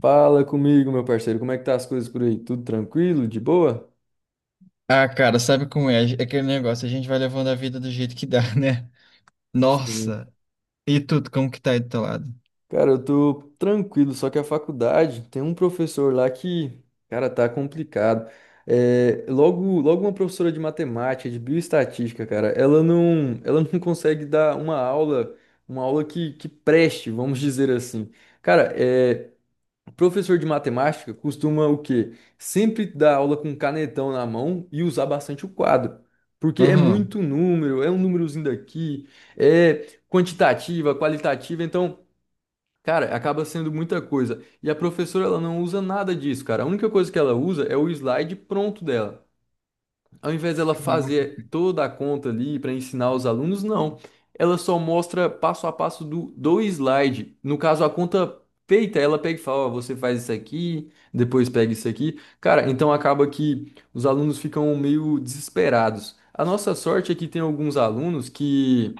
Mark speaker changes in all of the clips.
Speaker 1: Fala comigo, meu parceiro. Como é que tá as coisas por aí? Tudo tranquilo? De boa?
Speaker 2: Ah, cara, sabe como é? É aquele negócio, a gente vai levando a vida do jeito que dá, né?
Speaker 1: Sim.
Speaker 2: Nossa! E tudo, como que tá aí do teu lado?
Speaker 1: Cara, eu tô tranquilo, só que a faculdade tem um professor lá que, cara, tá complicado. É, logo, logo uma professora de matemática, de bioestatística, cara, ela não consegue dar uma aula que preste, vamos dizer assim. Cara, é, professor de matemática costuma o quê? Sempre dar aula com canetão na mão e usar bastante o quadro. Porque é
Speaker 2: Aham.
Speaker 1: muito número, é um númerozinho daqui, é quantitativa, qualitativa, então, cara, acaba sendo muita coisa. E a professora, ela não usa nada disso, cara. A única coisa que ela usa é o slide pronto dela ao invés dela
Speaker 2: Caraca.
Speaker 1: fazer toda a conta ali para ensinar os alunos, não. Ela só mostra passo a passo do slide. No caso, a conta feita, ela pega e fala, ó, você faz isso aqui, depois pega isso aqui. Cara, então acaba que os alunos ficam meio desesperados. A nossa sorte é que tem alguns alunos que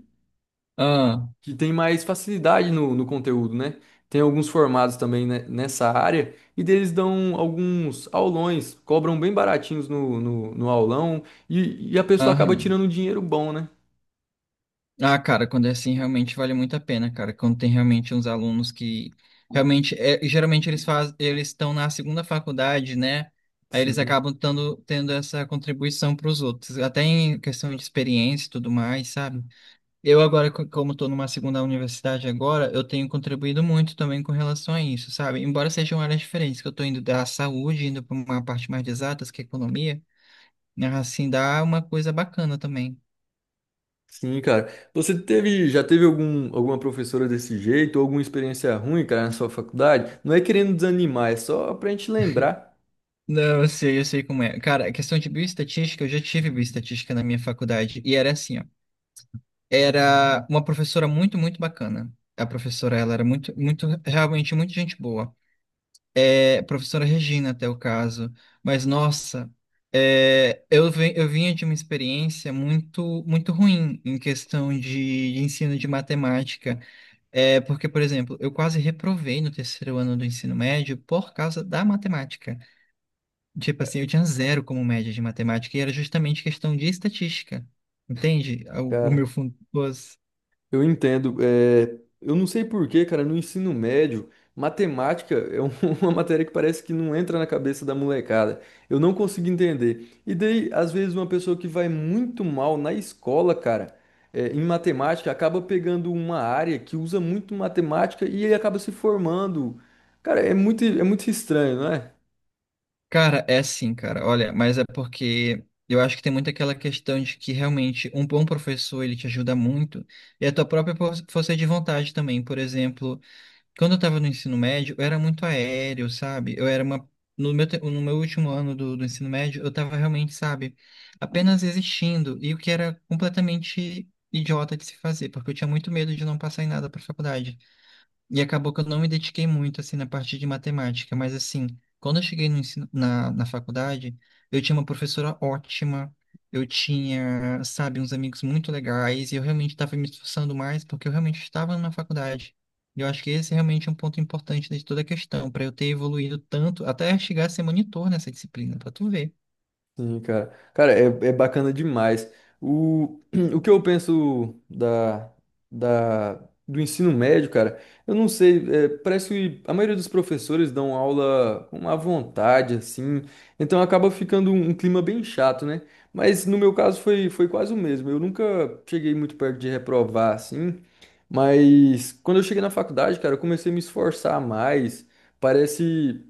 Speaker 2: Ah,
Speaker 1: que tem mais facilidade no conteúdo, né? Tem alguns formados também né, nessa área e deles dão alguns aulões, cobram bem baratinhos no aulão e a pessoa acaba
Speaker 2: aham.
Speaker 1: tirando um dinheiro bom, né?
Speaker 2: Ah, cara, quando é assim, realmente vale muito a pena, cara. Quando tem realmente uns alunos que realmente, geralmente eles estão na segunda faculdade, né? Aí eles
Speaker 1: Sim.
Speaker 2: acabam tendo essa contribuição para os outros, até em questão de experiência e tudo mais, sabe? Eu agora, como estou numa segunda universidade agora, eu tenho contribuído muito também com relação a isso, sabe? Embora sejam áreas diferentes, que eu estou indo da saúde, indo para uma parte mais de exatas, que é economia, né? Assim dá uma coisa bacana também.
Speaker 1: Sim, cara. Você teve, já teve algum, alguma professora desse jeito, ou alguma experiência ruim, cara, na sua faculdade? Não é querendo desanimar, é só pra gente lembrar,
Speaker 2: Não, eu sei como é. Cara, a questão de bioestatística, eu já tive bioestatística na minha faculdade, e era assim, ó. Era uma professora muito, muito bacana. A professora, ela era muito, muito, realmente muito gente boa. É, professora Regina, até o caso. Mas, nossa, eu vinha de uma experiência muito, muito ruim em questão de ensino de matemática. É, porque, por exemplo, eu quase reprovei no terceiro ano do ensino médio por causa da matemática. Tipo assim, eu tinha zero como média de matemática e era justamente questão de estatística. Entende? O meu
Speaker 1: cara.
Speaker 2: fundo.
Speaker 1: Eu entendo. É, eu não sei por quê, cara, no ensino médio, matemática é um- uma matéria que parece que não entra na cabeça da molecada. Eu não consigo entender. E daí, às vezes, uma pessoa que vai muito mal na escola, cara, é, em matemática, acaba pegando uma área que usa muito matemática e ele acaba se formando. Cara, é muito estranho, não é?
Speaker 2: Cara, é sim, cara. Olha, mas é porque eu acho que tem muito aquela questão de que realmente um bom professor ele te ajuda muito e a tua própria força de vontade também. Por exemplo, quando eu estava no ensino médio, eu era muito aéreo, sabe? Eu era uma No meu no meu último ano do ensino médio, eu estava realmente, sabe, apenas existindo e o que era completamente idiota de se fazer, porque eu tinha muito medo de não passar em nada para faculdade. E acabou que eu não me dediquei muito, assim, na parte de matemática, mas, assim, quando eu cheguei no ensino, na faculdade, eu tinha uma professora ótima, eu tinha, sabe, uns amigos muito legais, e eu realmente estava me esforçando mais porque eu realmente estava na faculdade. E eu acho que esse é realmente um ponto importante né, de toda a questão, para eu ter evoluído tanto, até chegar a ser monitor nessa disciplina, para tu ver.
Speaker 1: Sim, cara. Cara, é, é bacana demais. O, o que eu penso da do ensino médio, cara, eu não sei, é, parece que a maioria dos professores dão aula com uma vontade, assim, então acaba ficando um clima bem chato, né? Mas no meu caso foi quase o mesmo. Eu nunca cheguei muito perto de reprovar, assim, mas quando eu cheguei na faculdade, cara, eu comecei a me esforçar mais. Parece.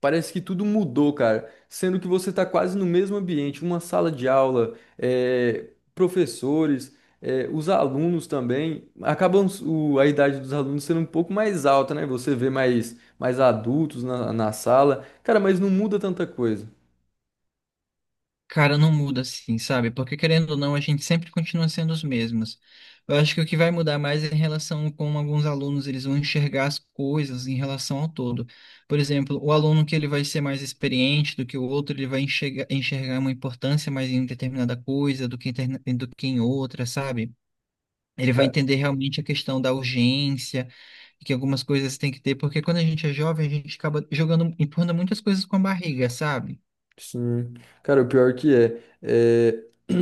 Speaker 1: Parece que tudo mudou, cara. Sendo que você está quase no mesmo ambiente, uma sala de aula, professores, os alunos também. Acabam o- a idade dos alunos sendo um pouco mais alta, né? Você vê mais, mais adultos na sala. Cara, mas não muda tanta coisa.
Speaker 2: Cara, não muda assim, sabe? Porque querendo ou não, a gente sempre continua sendo os mesmos. Eu acho que o que vai mudar mais é em relação como alguns alunos eles vão enxergar as coisas em relação ao todo. Por exemplo, o aluno que ele vai ser mais experiente do que o outro, ele vai enxergar uma importância mais em determinada coisa do que, do que em outra, sabe? Ele vai entender realmente a questão da urgência, que algumas coisas tem que ter, porque quando a gente é jovem, a gente acaba jogando, empurrando muitas coisas com a barriga, sabe?
Speaker 1: Sim. Cara, o pior que é, é,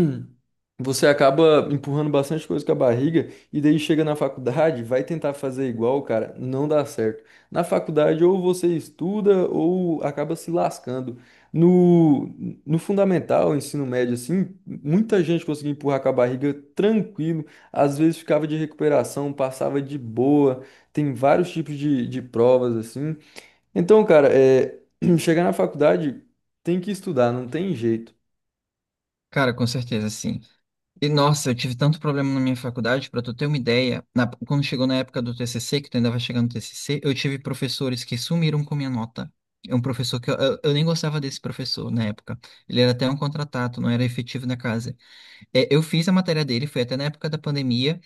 Speaker 1: você acaba empurrando bastante coisa com a barriga e daí chega na faculdade, vai tentar fazer igual, cara, não dá certo. Na faculdade ou você estuda ou acaba se lascando. No, no fundamental, ensino médio, assim, muita gente conseguia empurrar com a barriga tranquilo, às vezes ficava de recuperação, passava de boa, tem vários tipos de provas, assim. Então, cara, é, chegar na faculdade tem que estudar, não tem jeito.
Speaker 2: Cara, com certeza, sim. E nossa, eu tive tanto problema na minha faculdade, pra tu ter uma ideia, quando chegou na época do TCC, que tu ainda vai chegar no TCC, eu tive professores que sumiram com minha nota. É um professor que eu nem gostava desse professor na época. Ele era até um contratado, não era efetivo na casa. É, eu fiz a matéria dele, foi até na época da pandemia.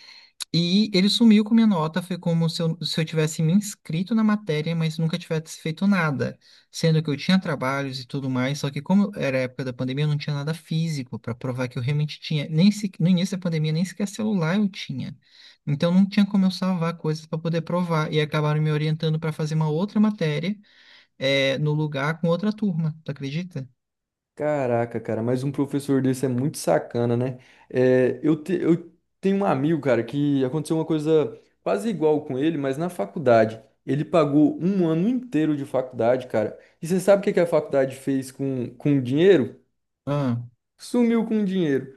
Speaker 2: E ele sumiu com minha nota, foi como se eu tivesse me inscrito na matéria, mas nunca tivesse feito nada, sendo que eu tinha trabalhos e tudo mais, só que como era a época da pandemia, eu não tinha nada físico para provar que eu realmente tinha, nem se, no início da pandemia nem sequer celular eu tinha. Então não tinha como eu salvar coisas para poder provar, e acabaram me orientando para fazer uma outra matéria, no lugar com outra turma, tu acredita?
Speaker 1: Caraca, cara, mas um professor desse é muito sacana, né? É, eu, te- eu tenho um amigo, cara, que aconteceu uma coisa quase igual com ele, mas na faculdade. Ele pagou um ano inteiro de faculdade, cara. E você sabe o que que a faculdade fez com o dinheiro?
Speaker 2: Ah,
Speaker 1: Sumiu com o dinheiro.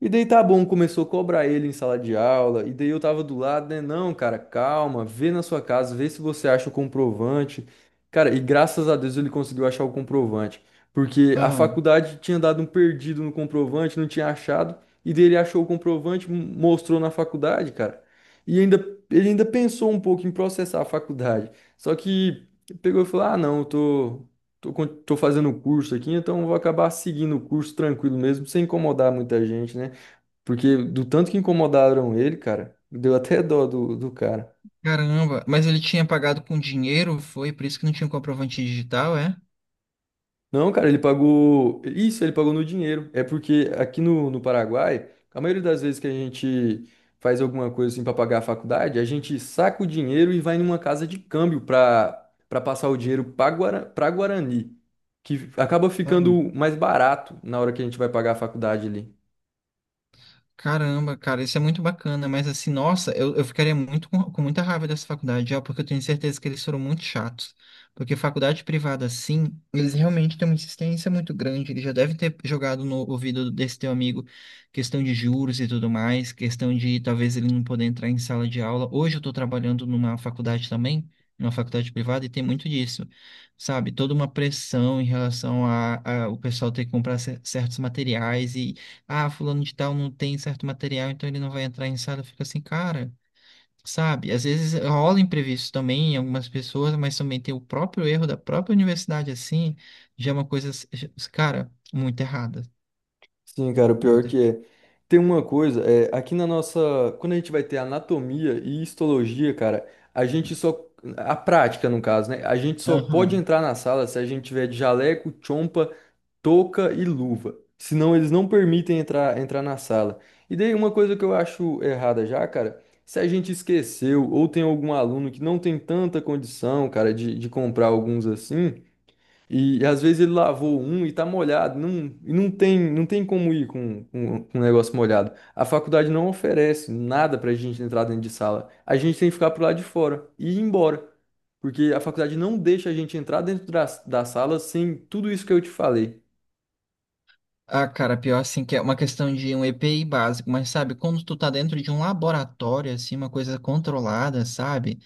Speaker 1: E daí tá bom, começou a cobrar ele em sala de aula. E daí eu tava do lado, né? Não, cara, calma, vê na sua casa, vê se você acha o comprovante. Cara, e graças a Deus ele conseguiu achar o comprovante. Porque a
Speaker 2: ah.
Speaker 1: faculdade tinha dado um perdido no comprovante, não tinha achado. E daí ele achou o comprovante, m- mostrou na faculdade, cara. E ainda, ele ainda pensou um pouco em processar a faculdade. Só que pegou e falou: ah, não, eu tô. Tô, con- tô fazendo o curso aqui, então eu vou acabar seguindo o curso tranquilo mesmo, sem incomodar muita gente, né? Porque do tanto que incomodaram ele, cara, deu até dó do cara.
Speaker 2: Caramba, mas ele tinha pagado com dinheiro, foi por isso que não tinha comprovante digital, é?
Speaker 1: Não, cara, ele pagou. Isso, ele pagou no dinheiro. É porque aqui no Paraguai, a maioria das vezes que a gente faz alguma coisa assim pra pagar a faculdade, a gente saca o dinheiro e vai numa casa de câmbio pra passar o dinheiro pra, Guara, pra Guarani, que acaba ficando mais barato na hora que a gente vai pagar a faculdade ali.
Speaker 2: Caramba, cara, isso é muito bacana, mas assim, nossa, eu ficaria muito com muita raiva dessa faculdade, ó, porque eu tenho certeza que eles foram muito chatos. Porque faculdade privada, assim, eles realmente têm uma insistência muito grande. Eles já devem ter jogado no ouvido desse teu amigo questão de juros e tudo mais, questão de talvez ele não poder entrar em sala de aula. Hoje eu tô trabalhando numa faculdade também, numa faculdade privada, e tem muito disso, sabe? Toda uma pressão em relação a o pessoal ter que comprar certos materiais, ah, fulano de tal não tem certo material, então ele não vai entrar em sala, fica assim, cara, sabe? Às vezes rola imprevisto também em algumas pessoas, mas também tem o próprio erro da própria universidade, assim, já é uma coisa, cara, muito errada.
Speaker 1: Sim, cara, o pior
Speaker 2: Muito.
Speaker 1: que é. Tem uma coisa, é, aqui na nossa. Quando a gente vai ter anatomia e histologia, cara, a gente só. A prática, no caso, né? A gente só pode
Speaker 2: Aham.
Speaker 1: entrar na sala se a gente tiver de jaleco, chompa, touca e luva. Senão eles não permitem entrar, entrar na sala. E daí uma coisa que eu acho errada já, cara, se a gente esqueceu ou tem algum aluno que não tem tanta condição, cara, de comprar alguns assim. E às vezes ele lavou um e tá molhado, não, e não tem, não tem como ir com um negócio molhado. A faculdade não oferece nada pra gente entrar dentro de sala. A gente tem que ficar pro lado de fora e ir embora. Porque a faculdade não deixa a gente entrar dentro da sala sem tudo isso que eu te falei.
Speaker 2: Ah, cara, pior assim, que é uma questão de um EPI básico, mas sabe, quando tu tá dentro de um laboratório, assim, uma coisa controlada, sabe?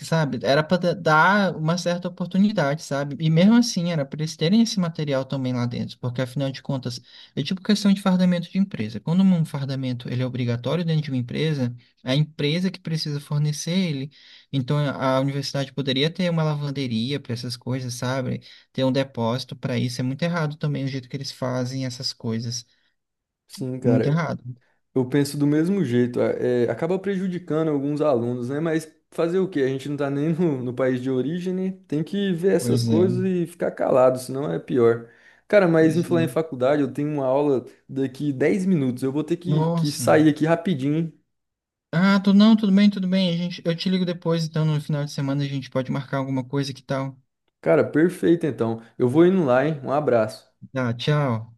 Speaker 2: Sabe? Era para dar uma certa oportunidade, sabe? E mesmo assim, era para eles terem esse material também lá dentro, porque afinal de contas, é tipo questão de fardamento de empresa. Quando um fardamento ele é obrigatório dentro de uma empresa, é a empresa que precisa fornecer ele. Então, a universidade poderia ter uma lavanderia para essas coisas, sabe? Ter um depósito para isso. É muito errado também o jeito que eles fazem essas coisas.
Speaker 1: Sim,
Speaker 2: Muito
Speaker 1: cara.
Speaker 2: errado.
Speaker 1: Eu penso do mesmo jeito, é, é, acaba prejudicando alguns alunos, né? Mas fazer o quê? A gente não tá nem no país de origem, né? Tem que ver essas
Speaker 2: Pois é.
Speaker 1: coisas e ficar calado, senão é pior. Cara, mas em
Speaker 2: Pois
Speaker 1: falar em
Speaker 2: é.
Speaker 1: faculdade, eu tenho uma aula daqui 10 minutos, eu vou ter que
Speaker 2: Nossa.
Speaker 1: sair aqui rapidinho. Hein?
Speaker 2: Ah, tu não, tudo bem, tudo bem. A gente, eu te ligo depois, então no final de semana a gente pode marcar alguma coisa que tal.
Speaker 1: Cara, perfeito então. Eu vou indo lá, hein? Um abraço.
Speaker 2: Tá, tchau.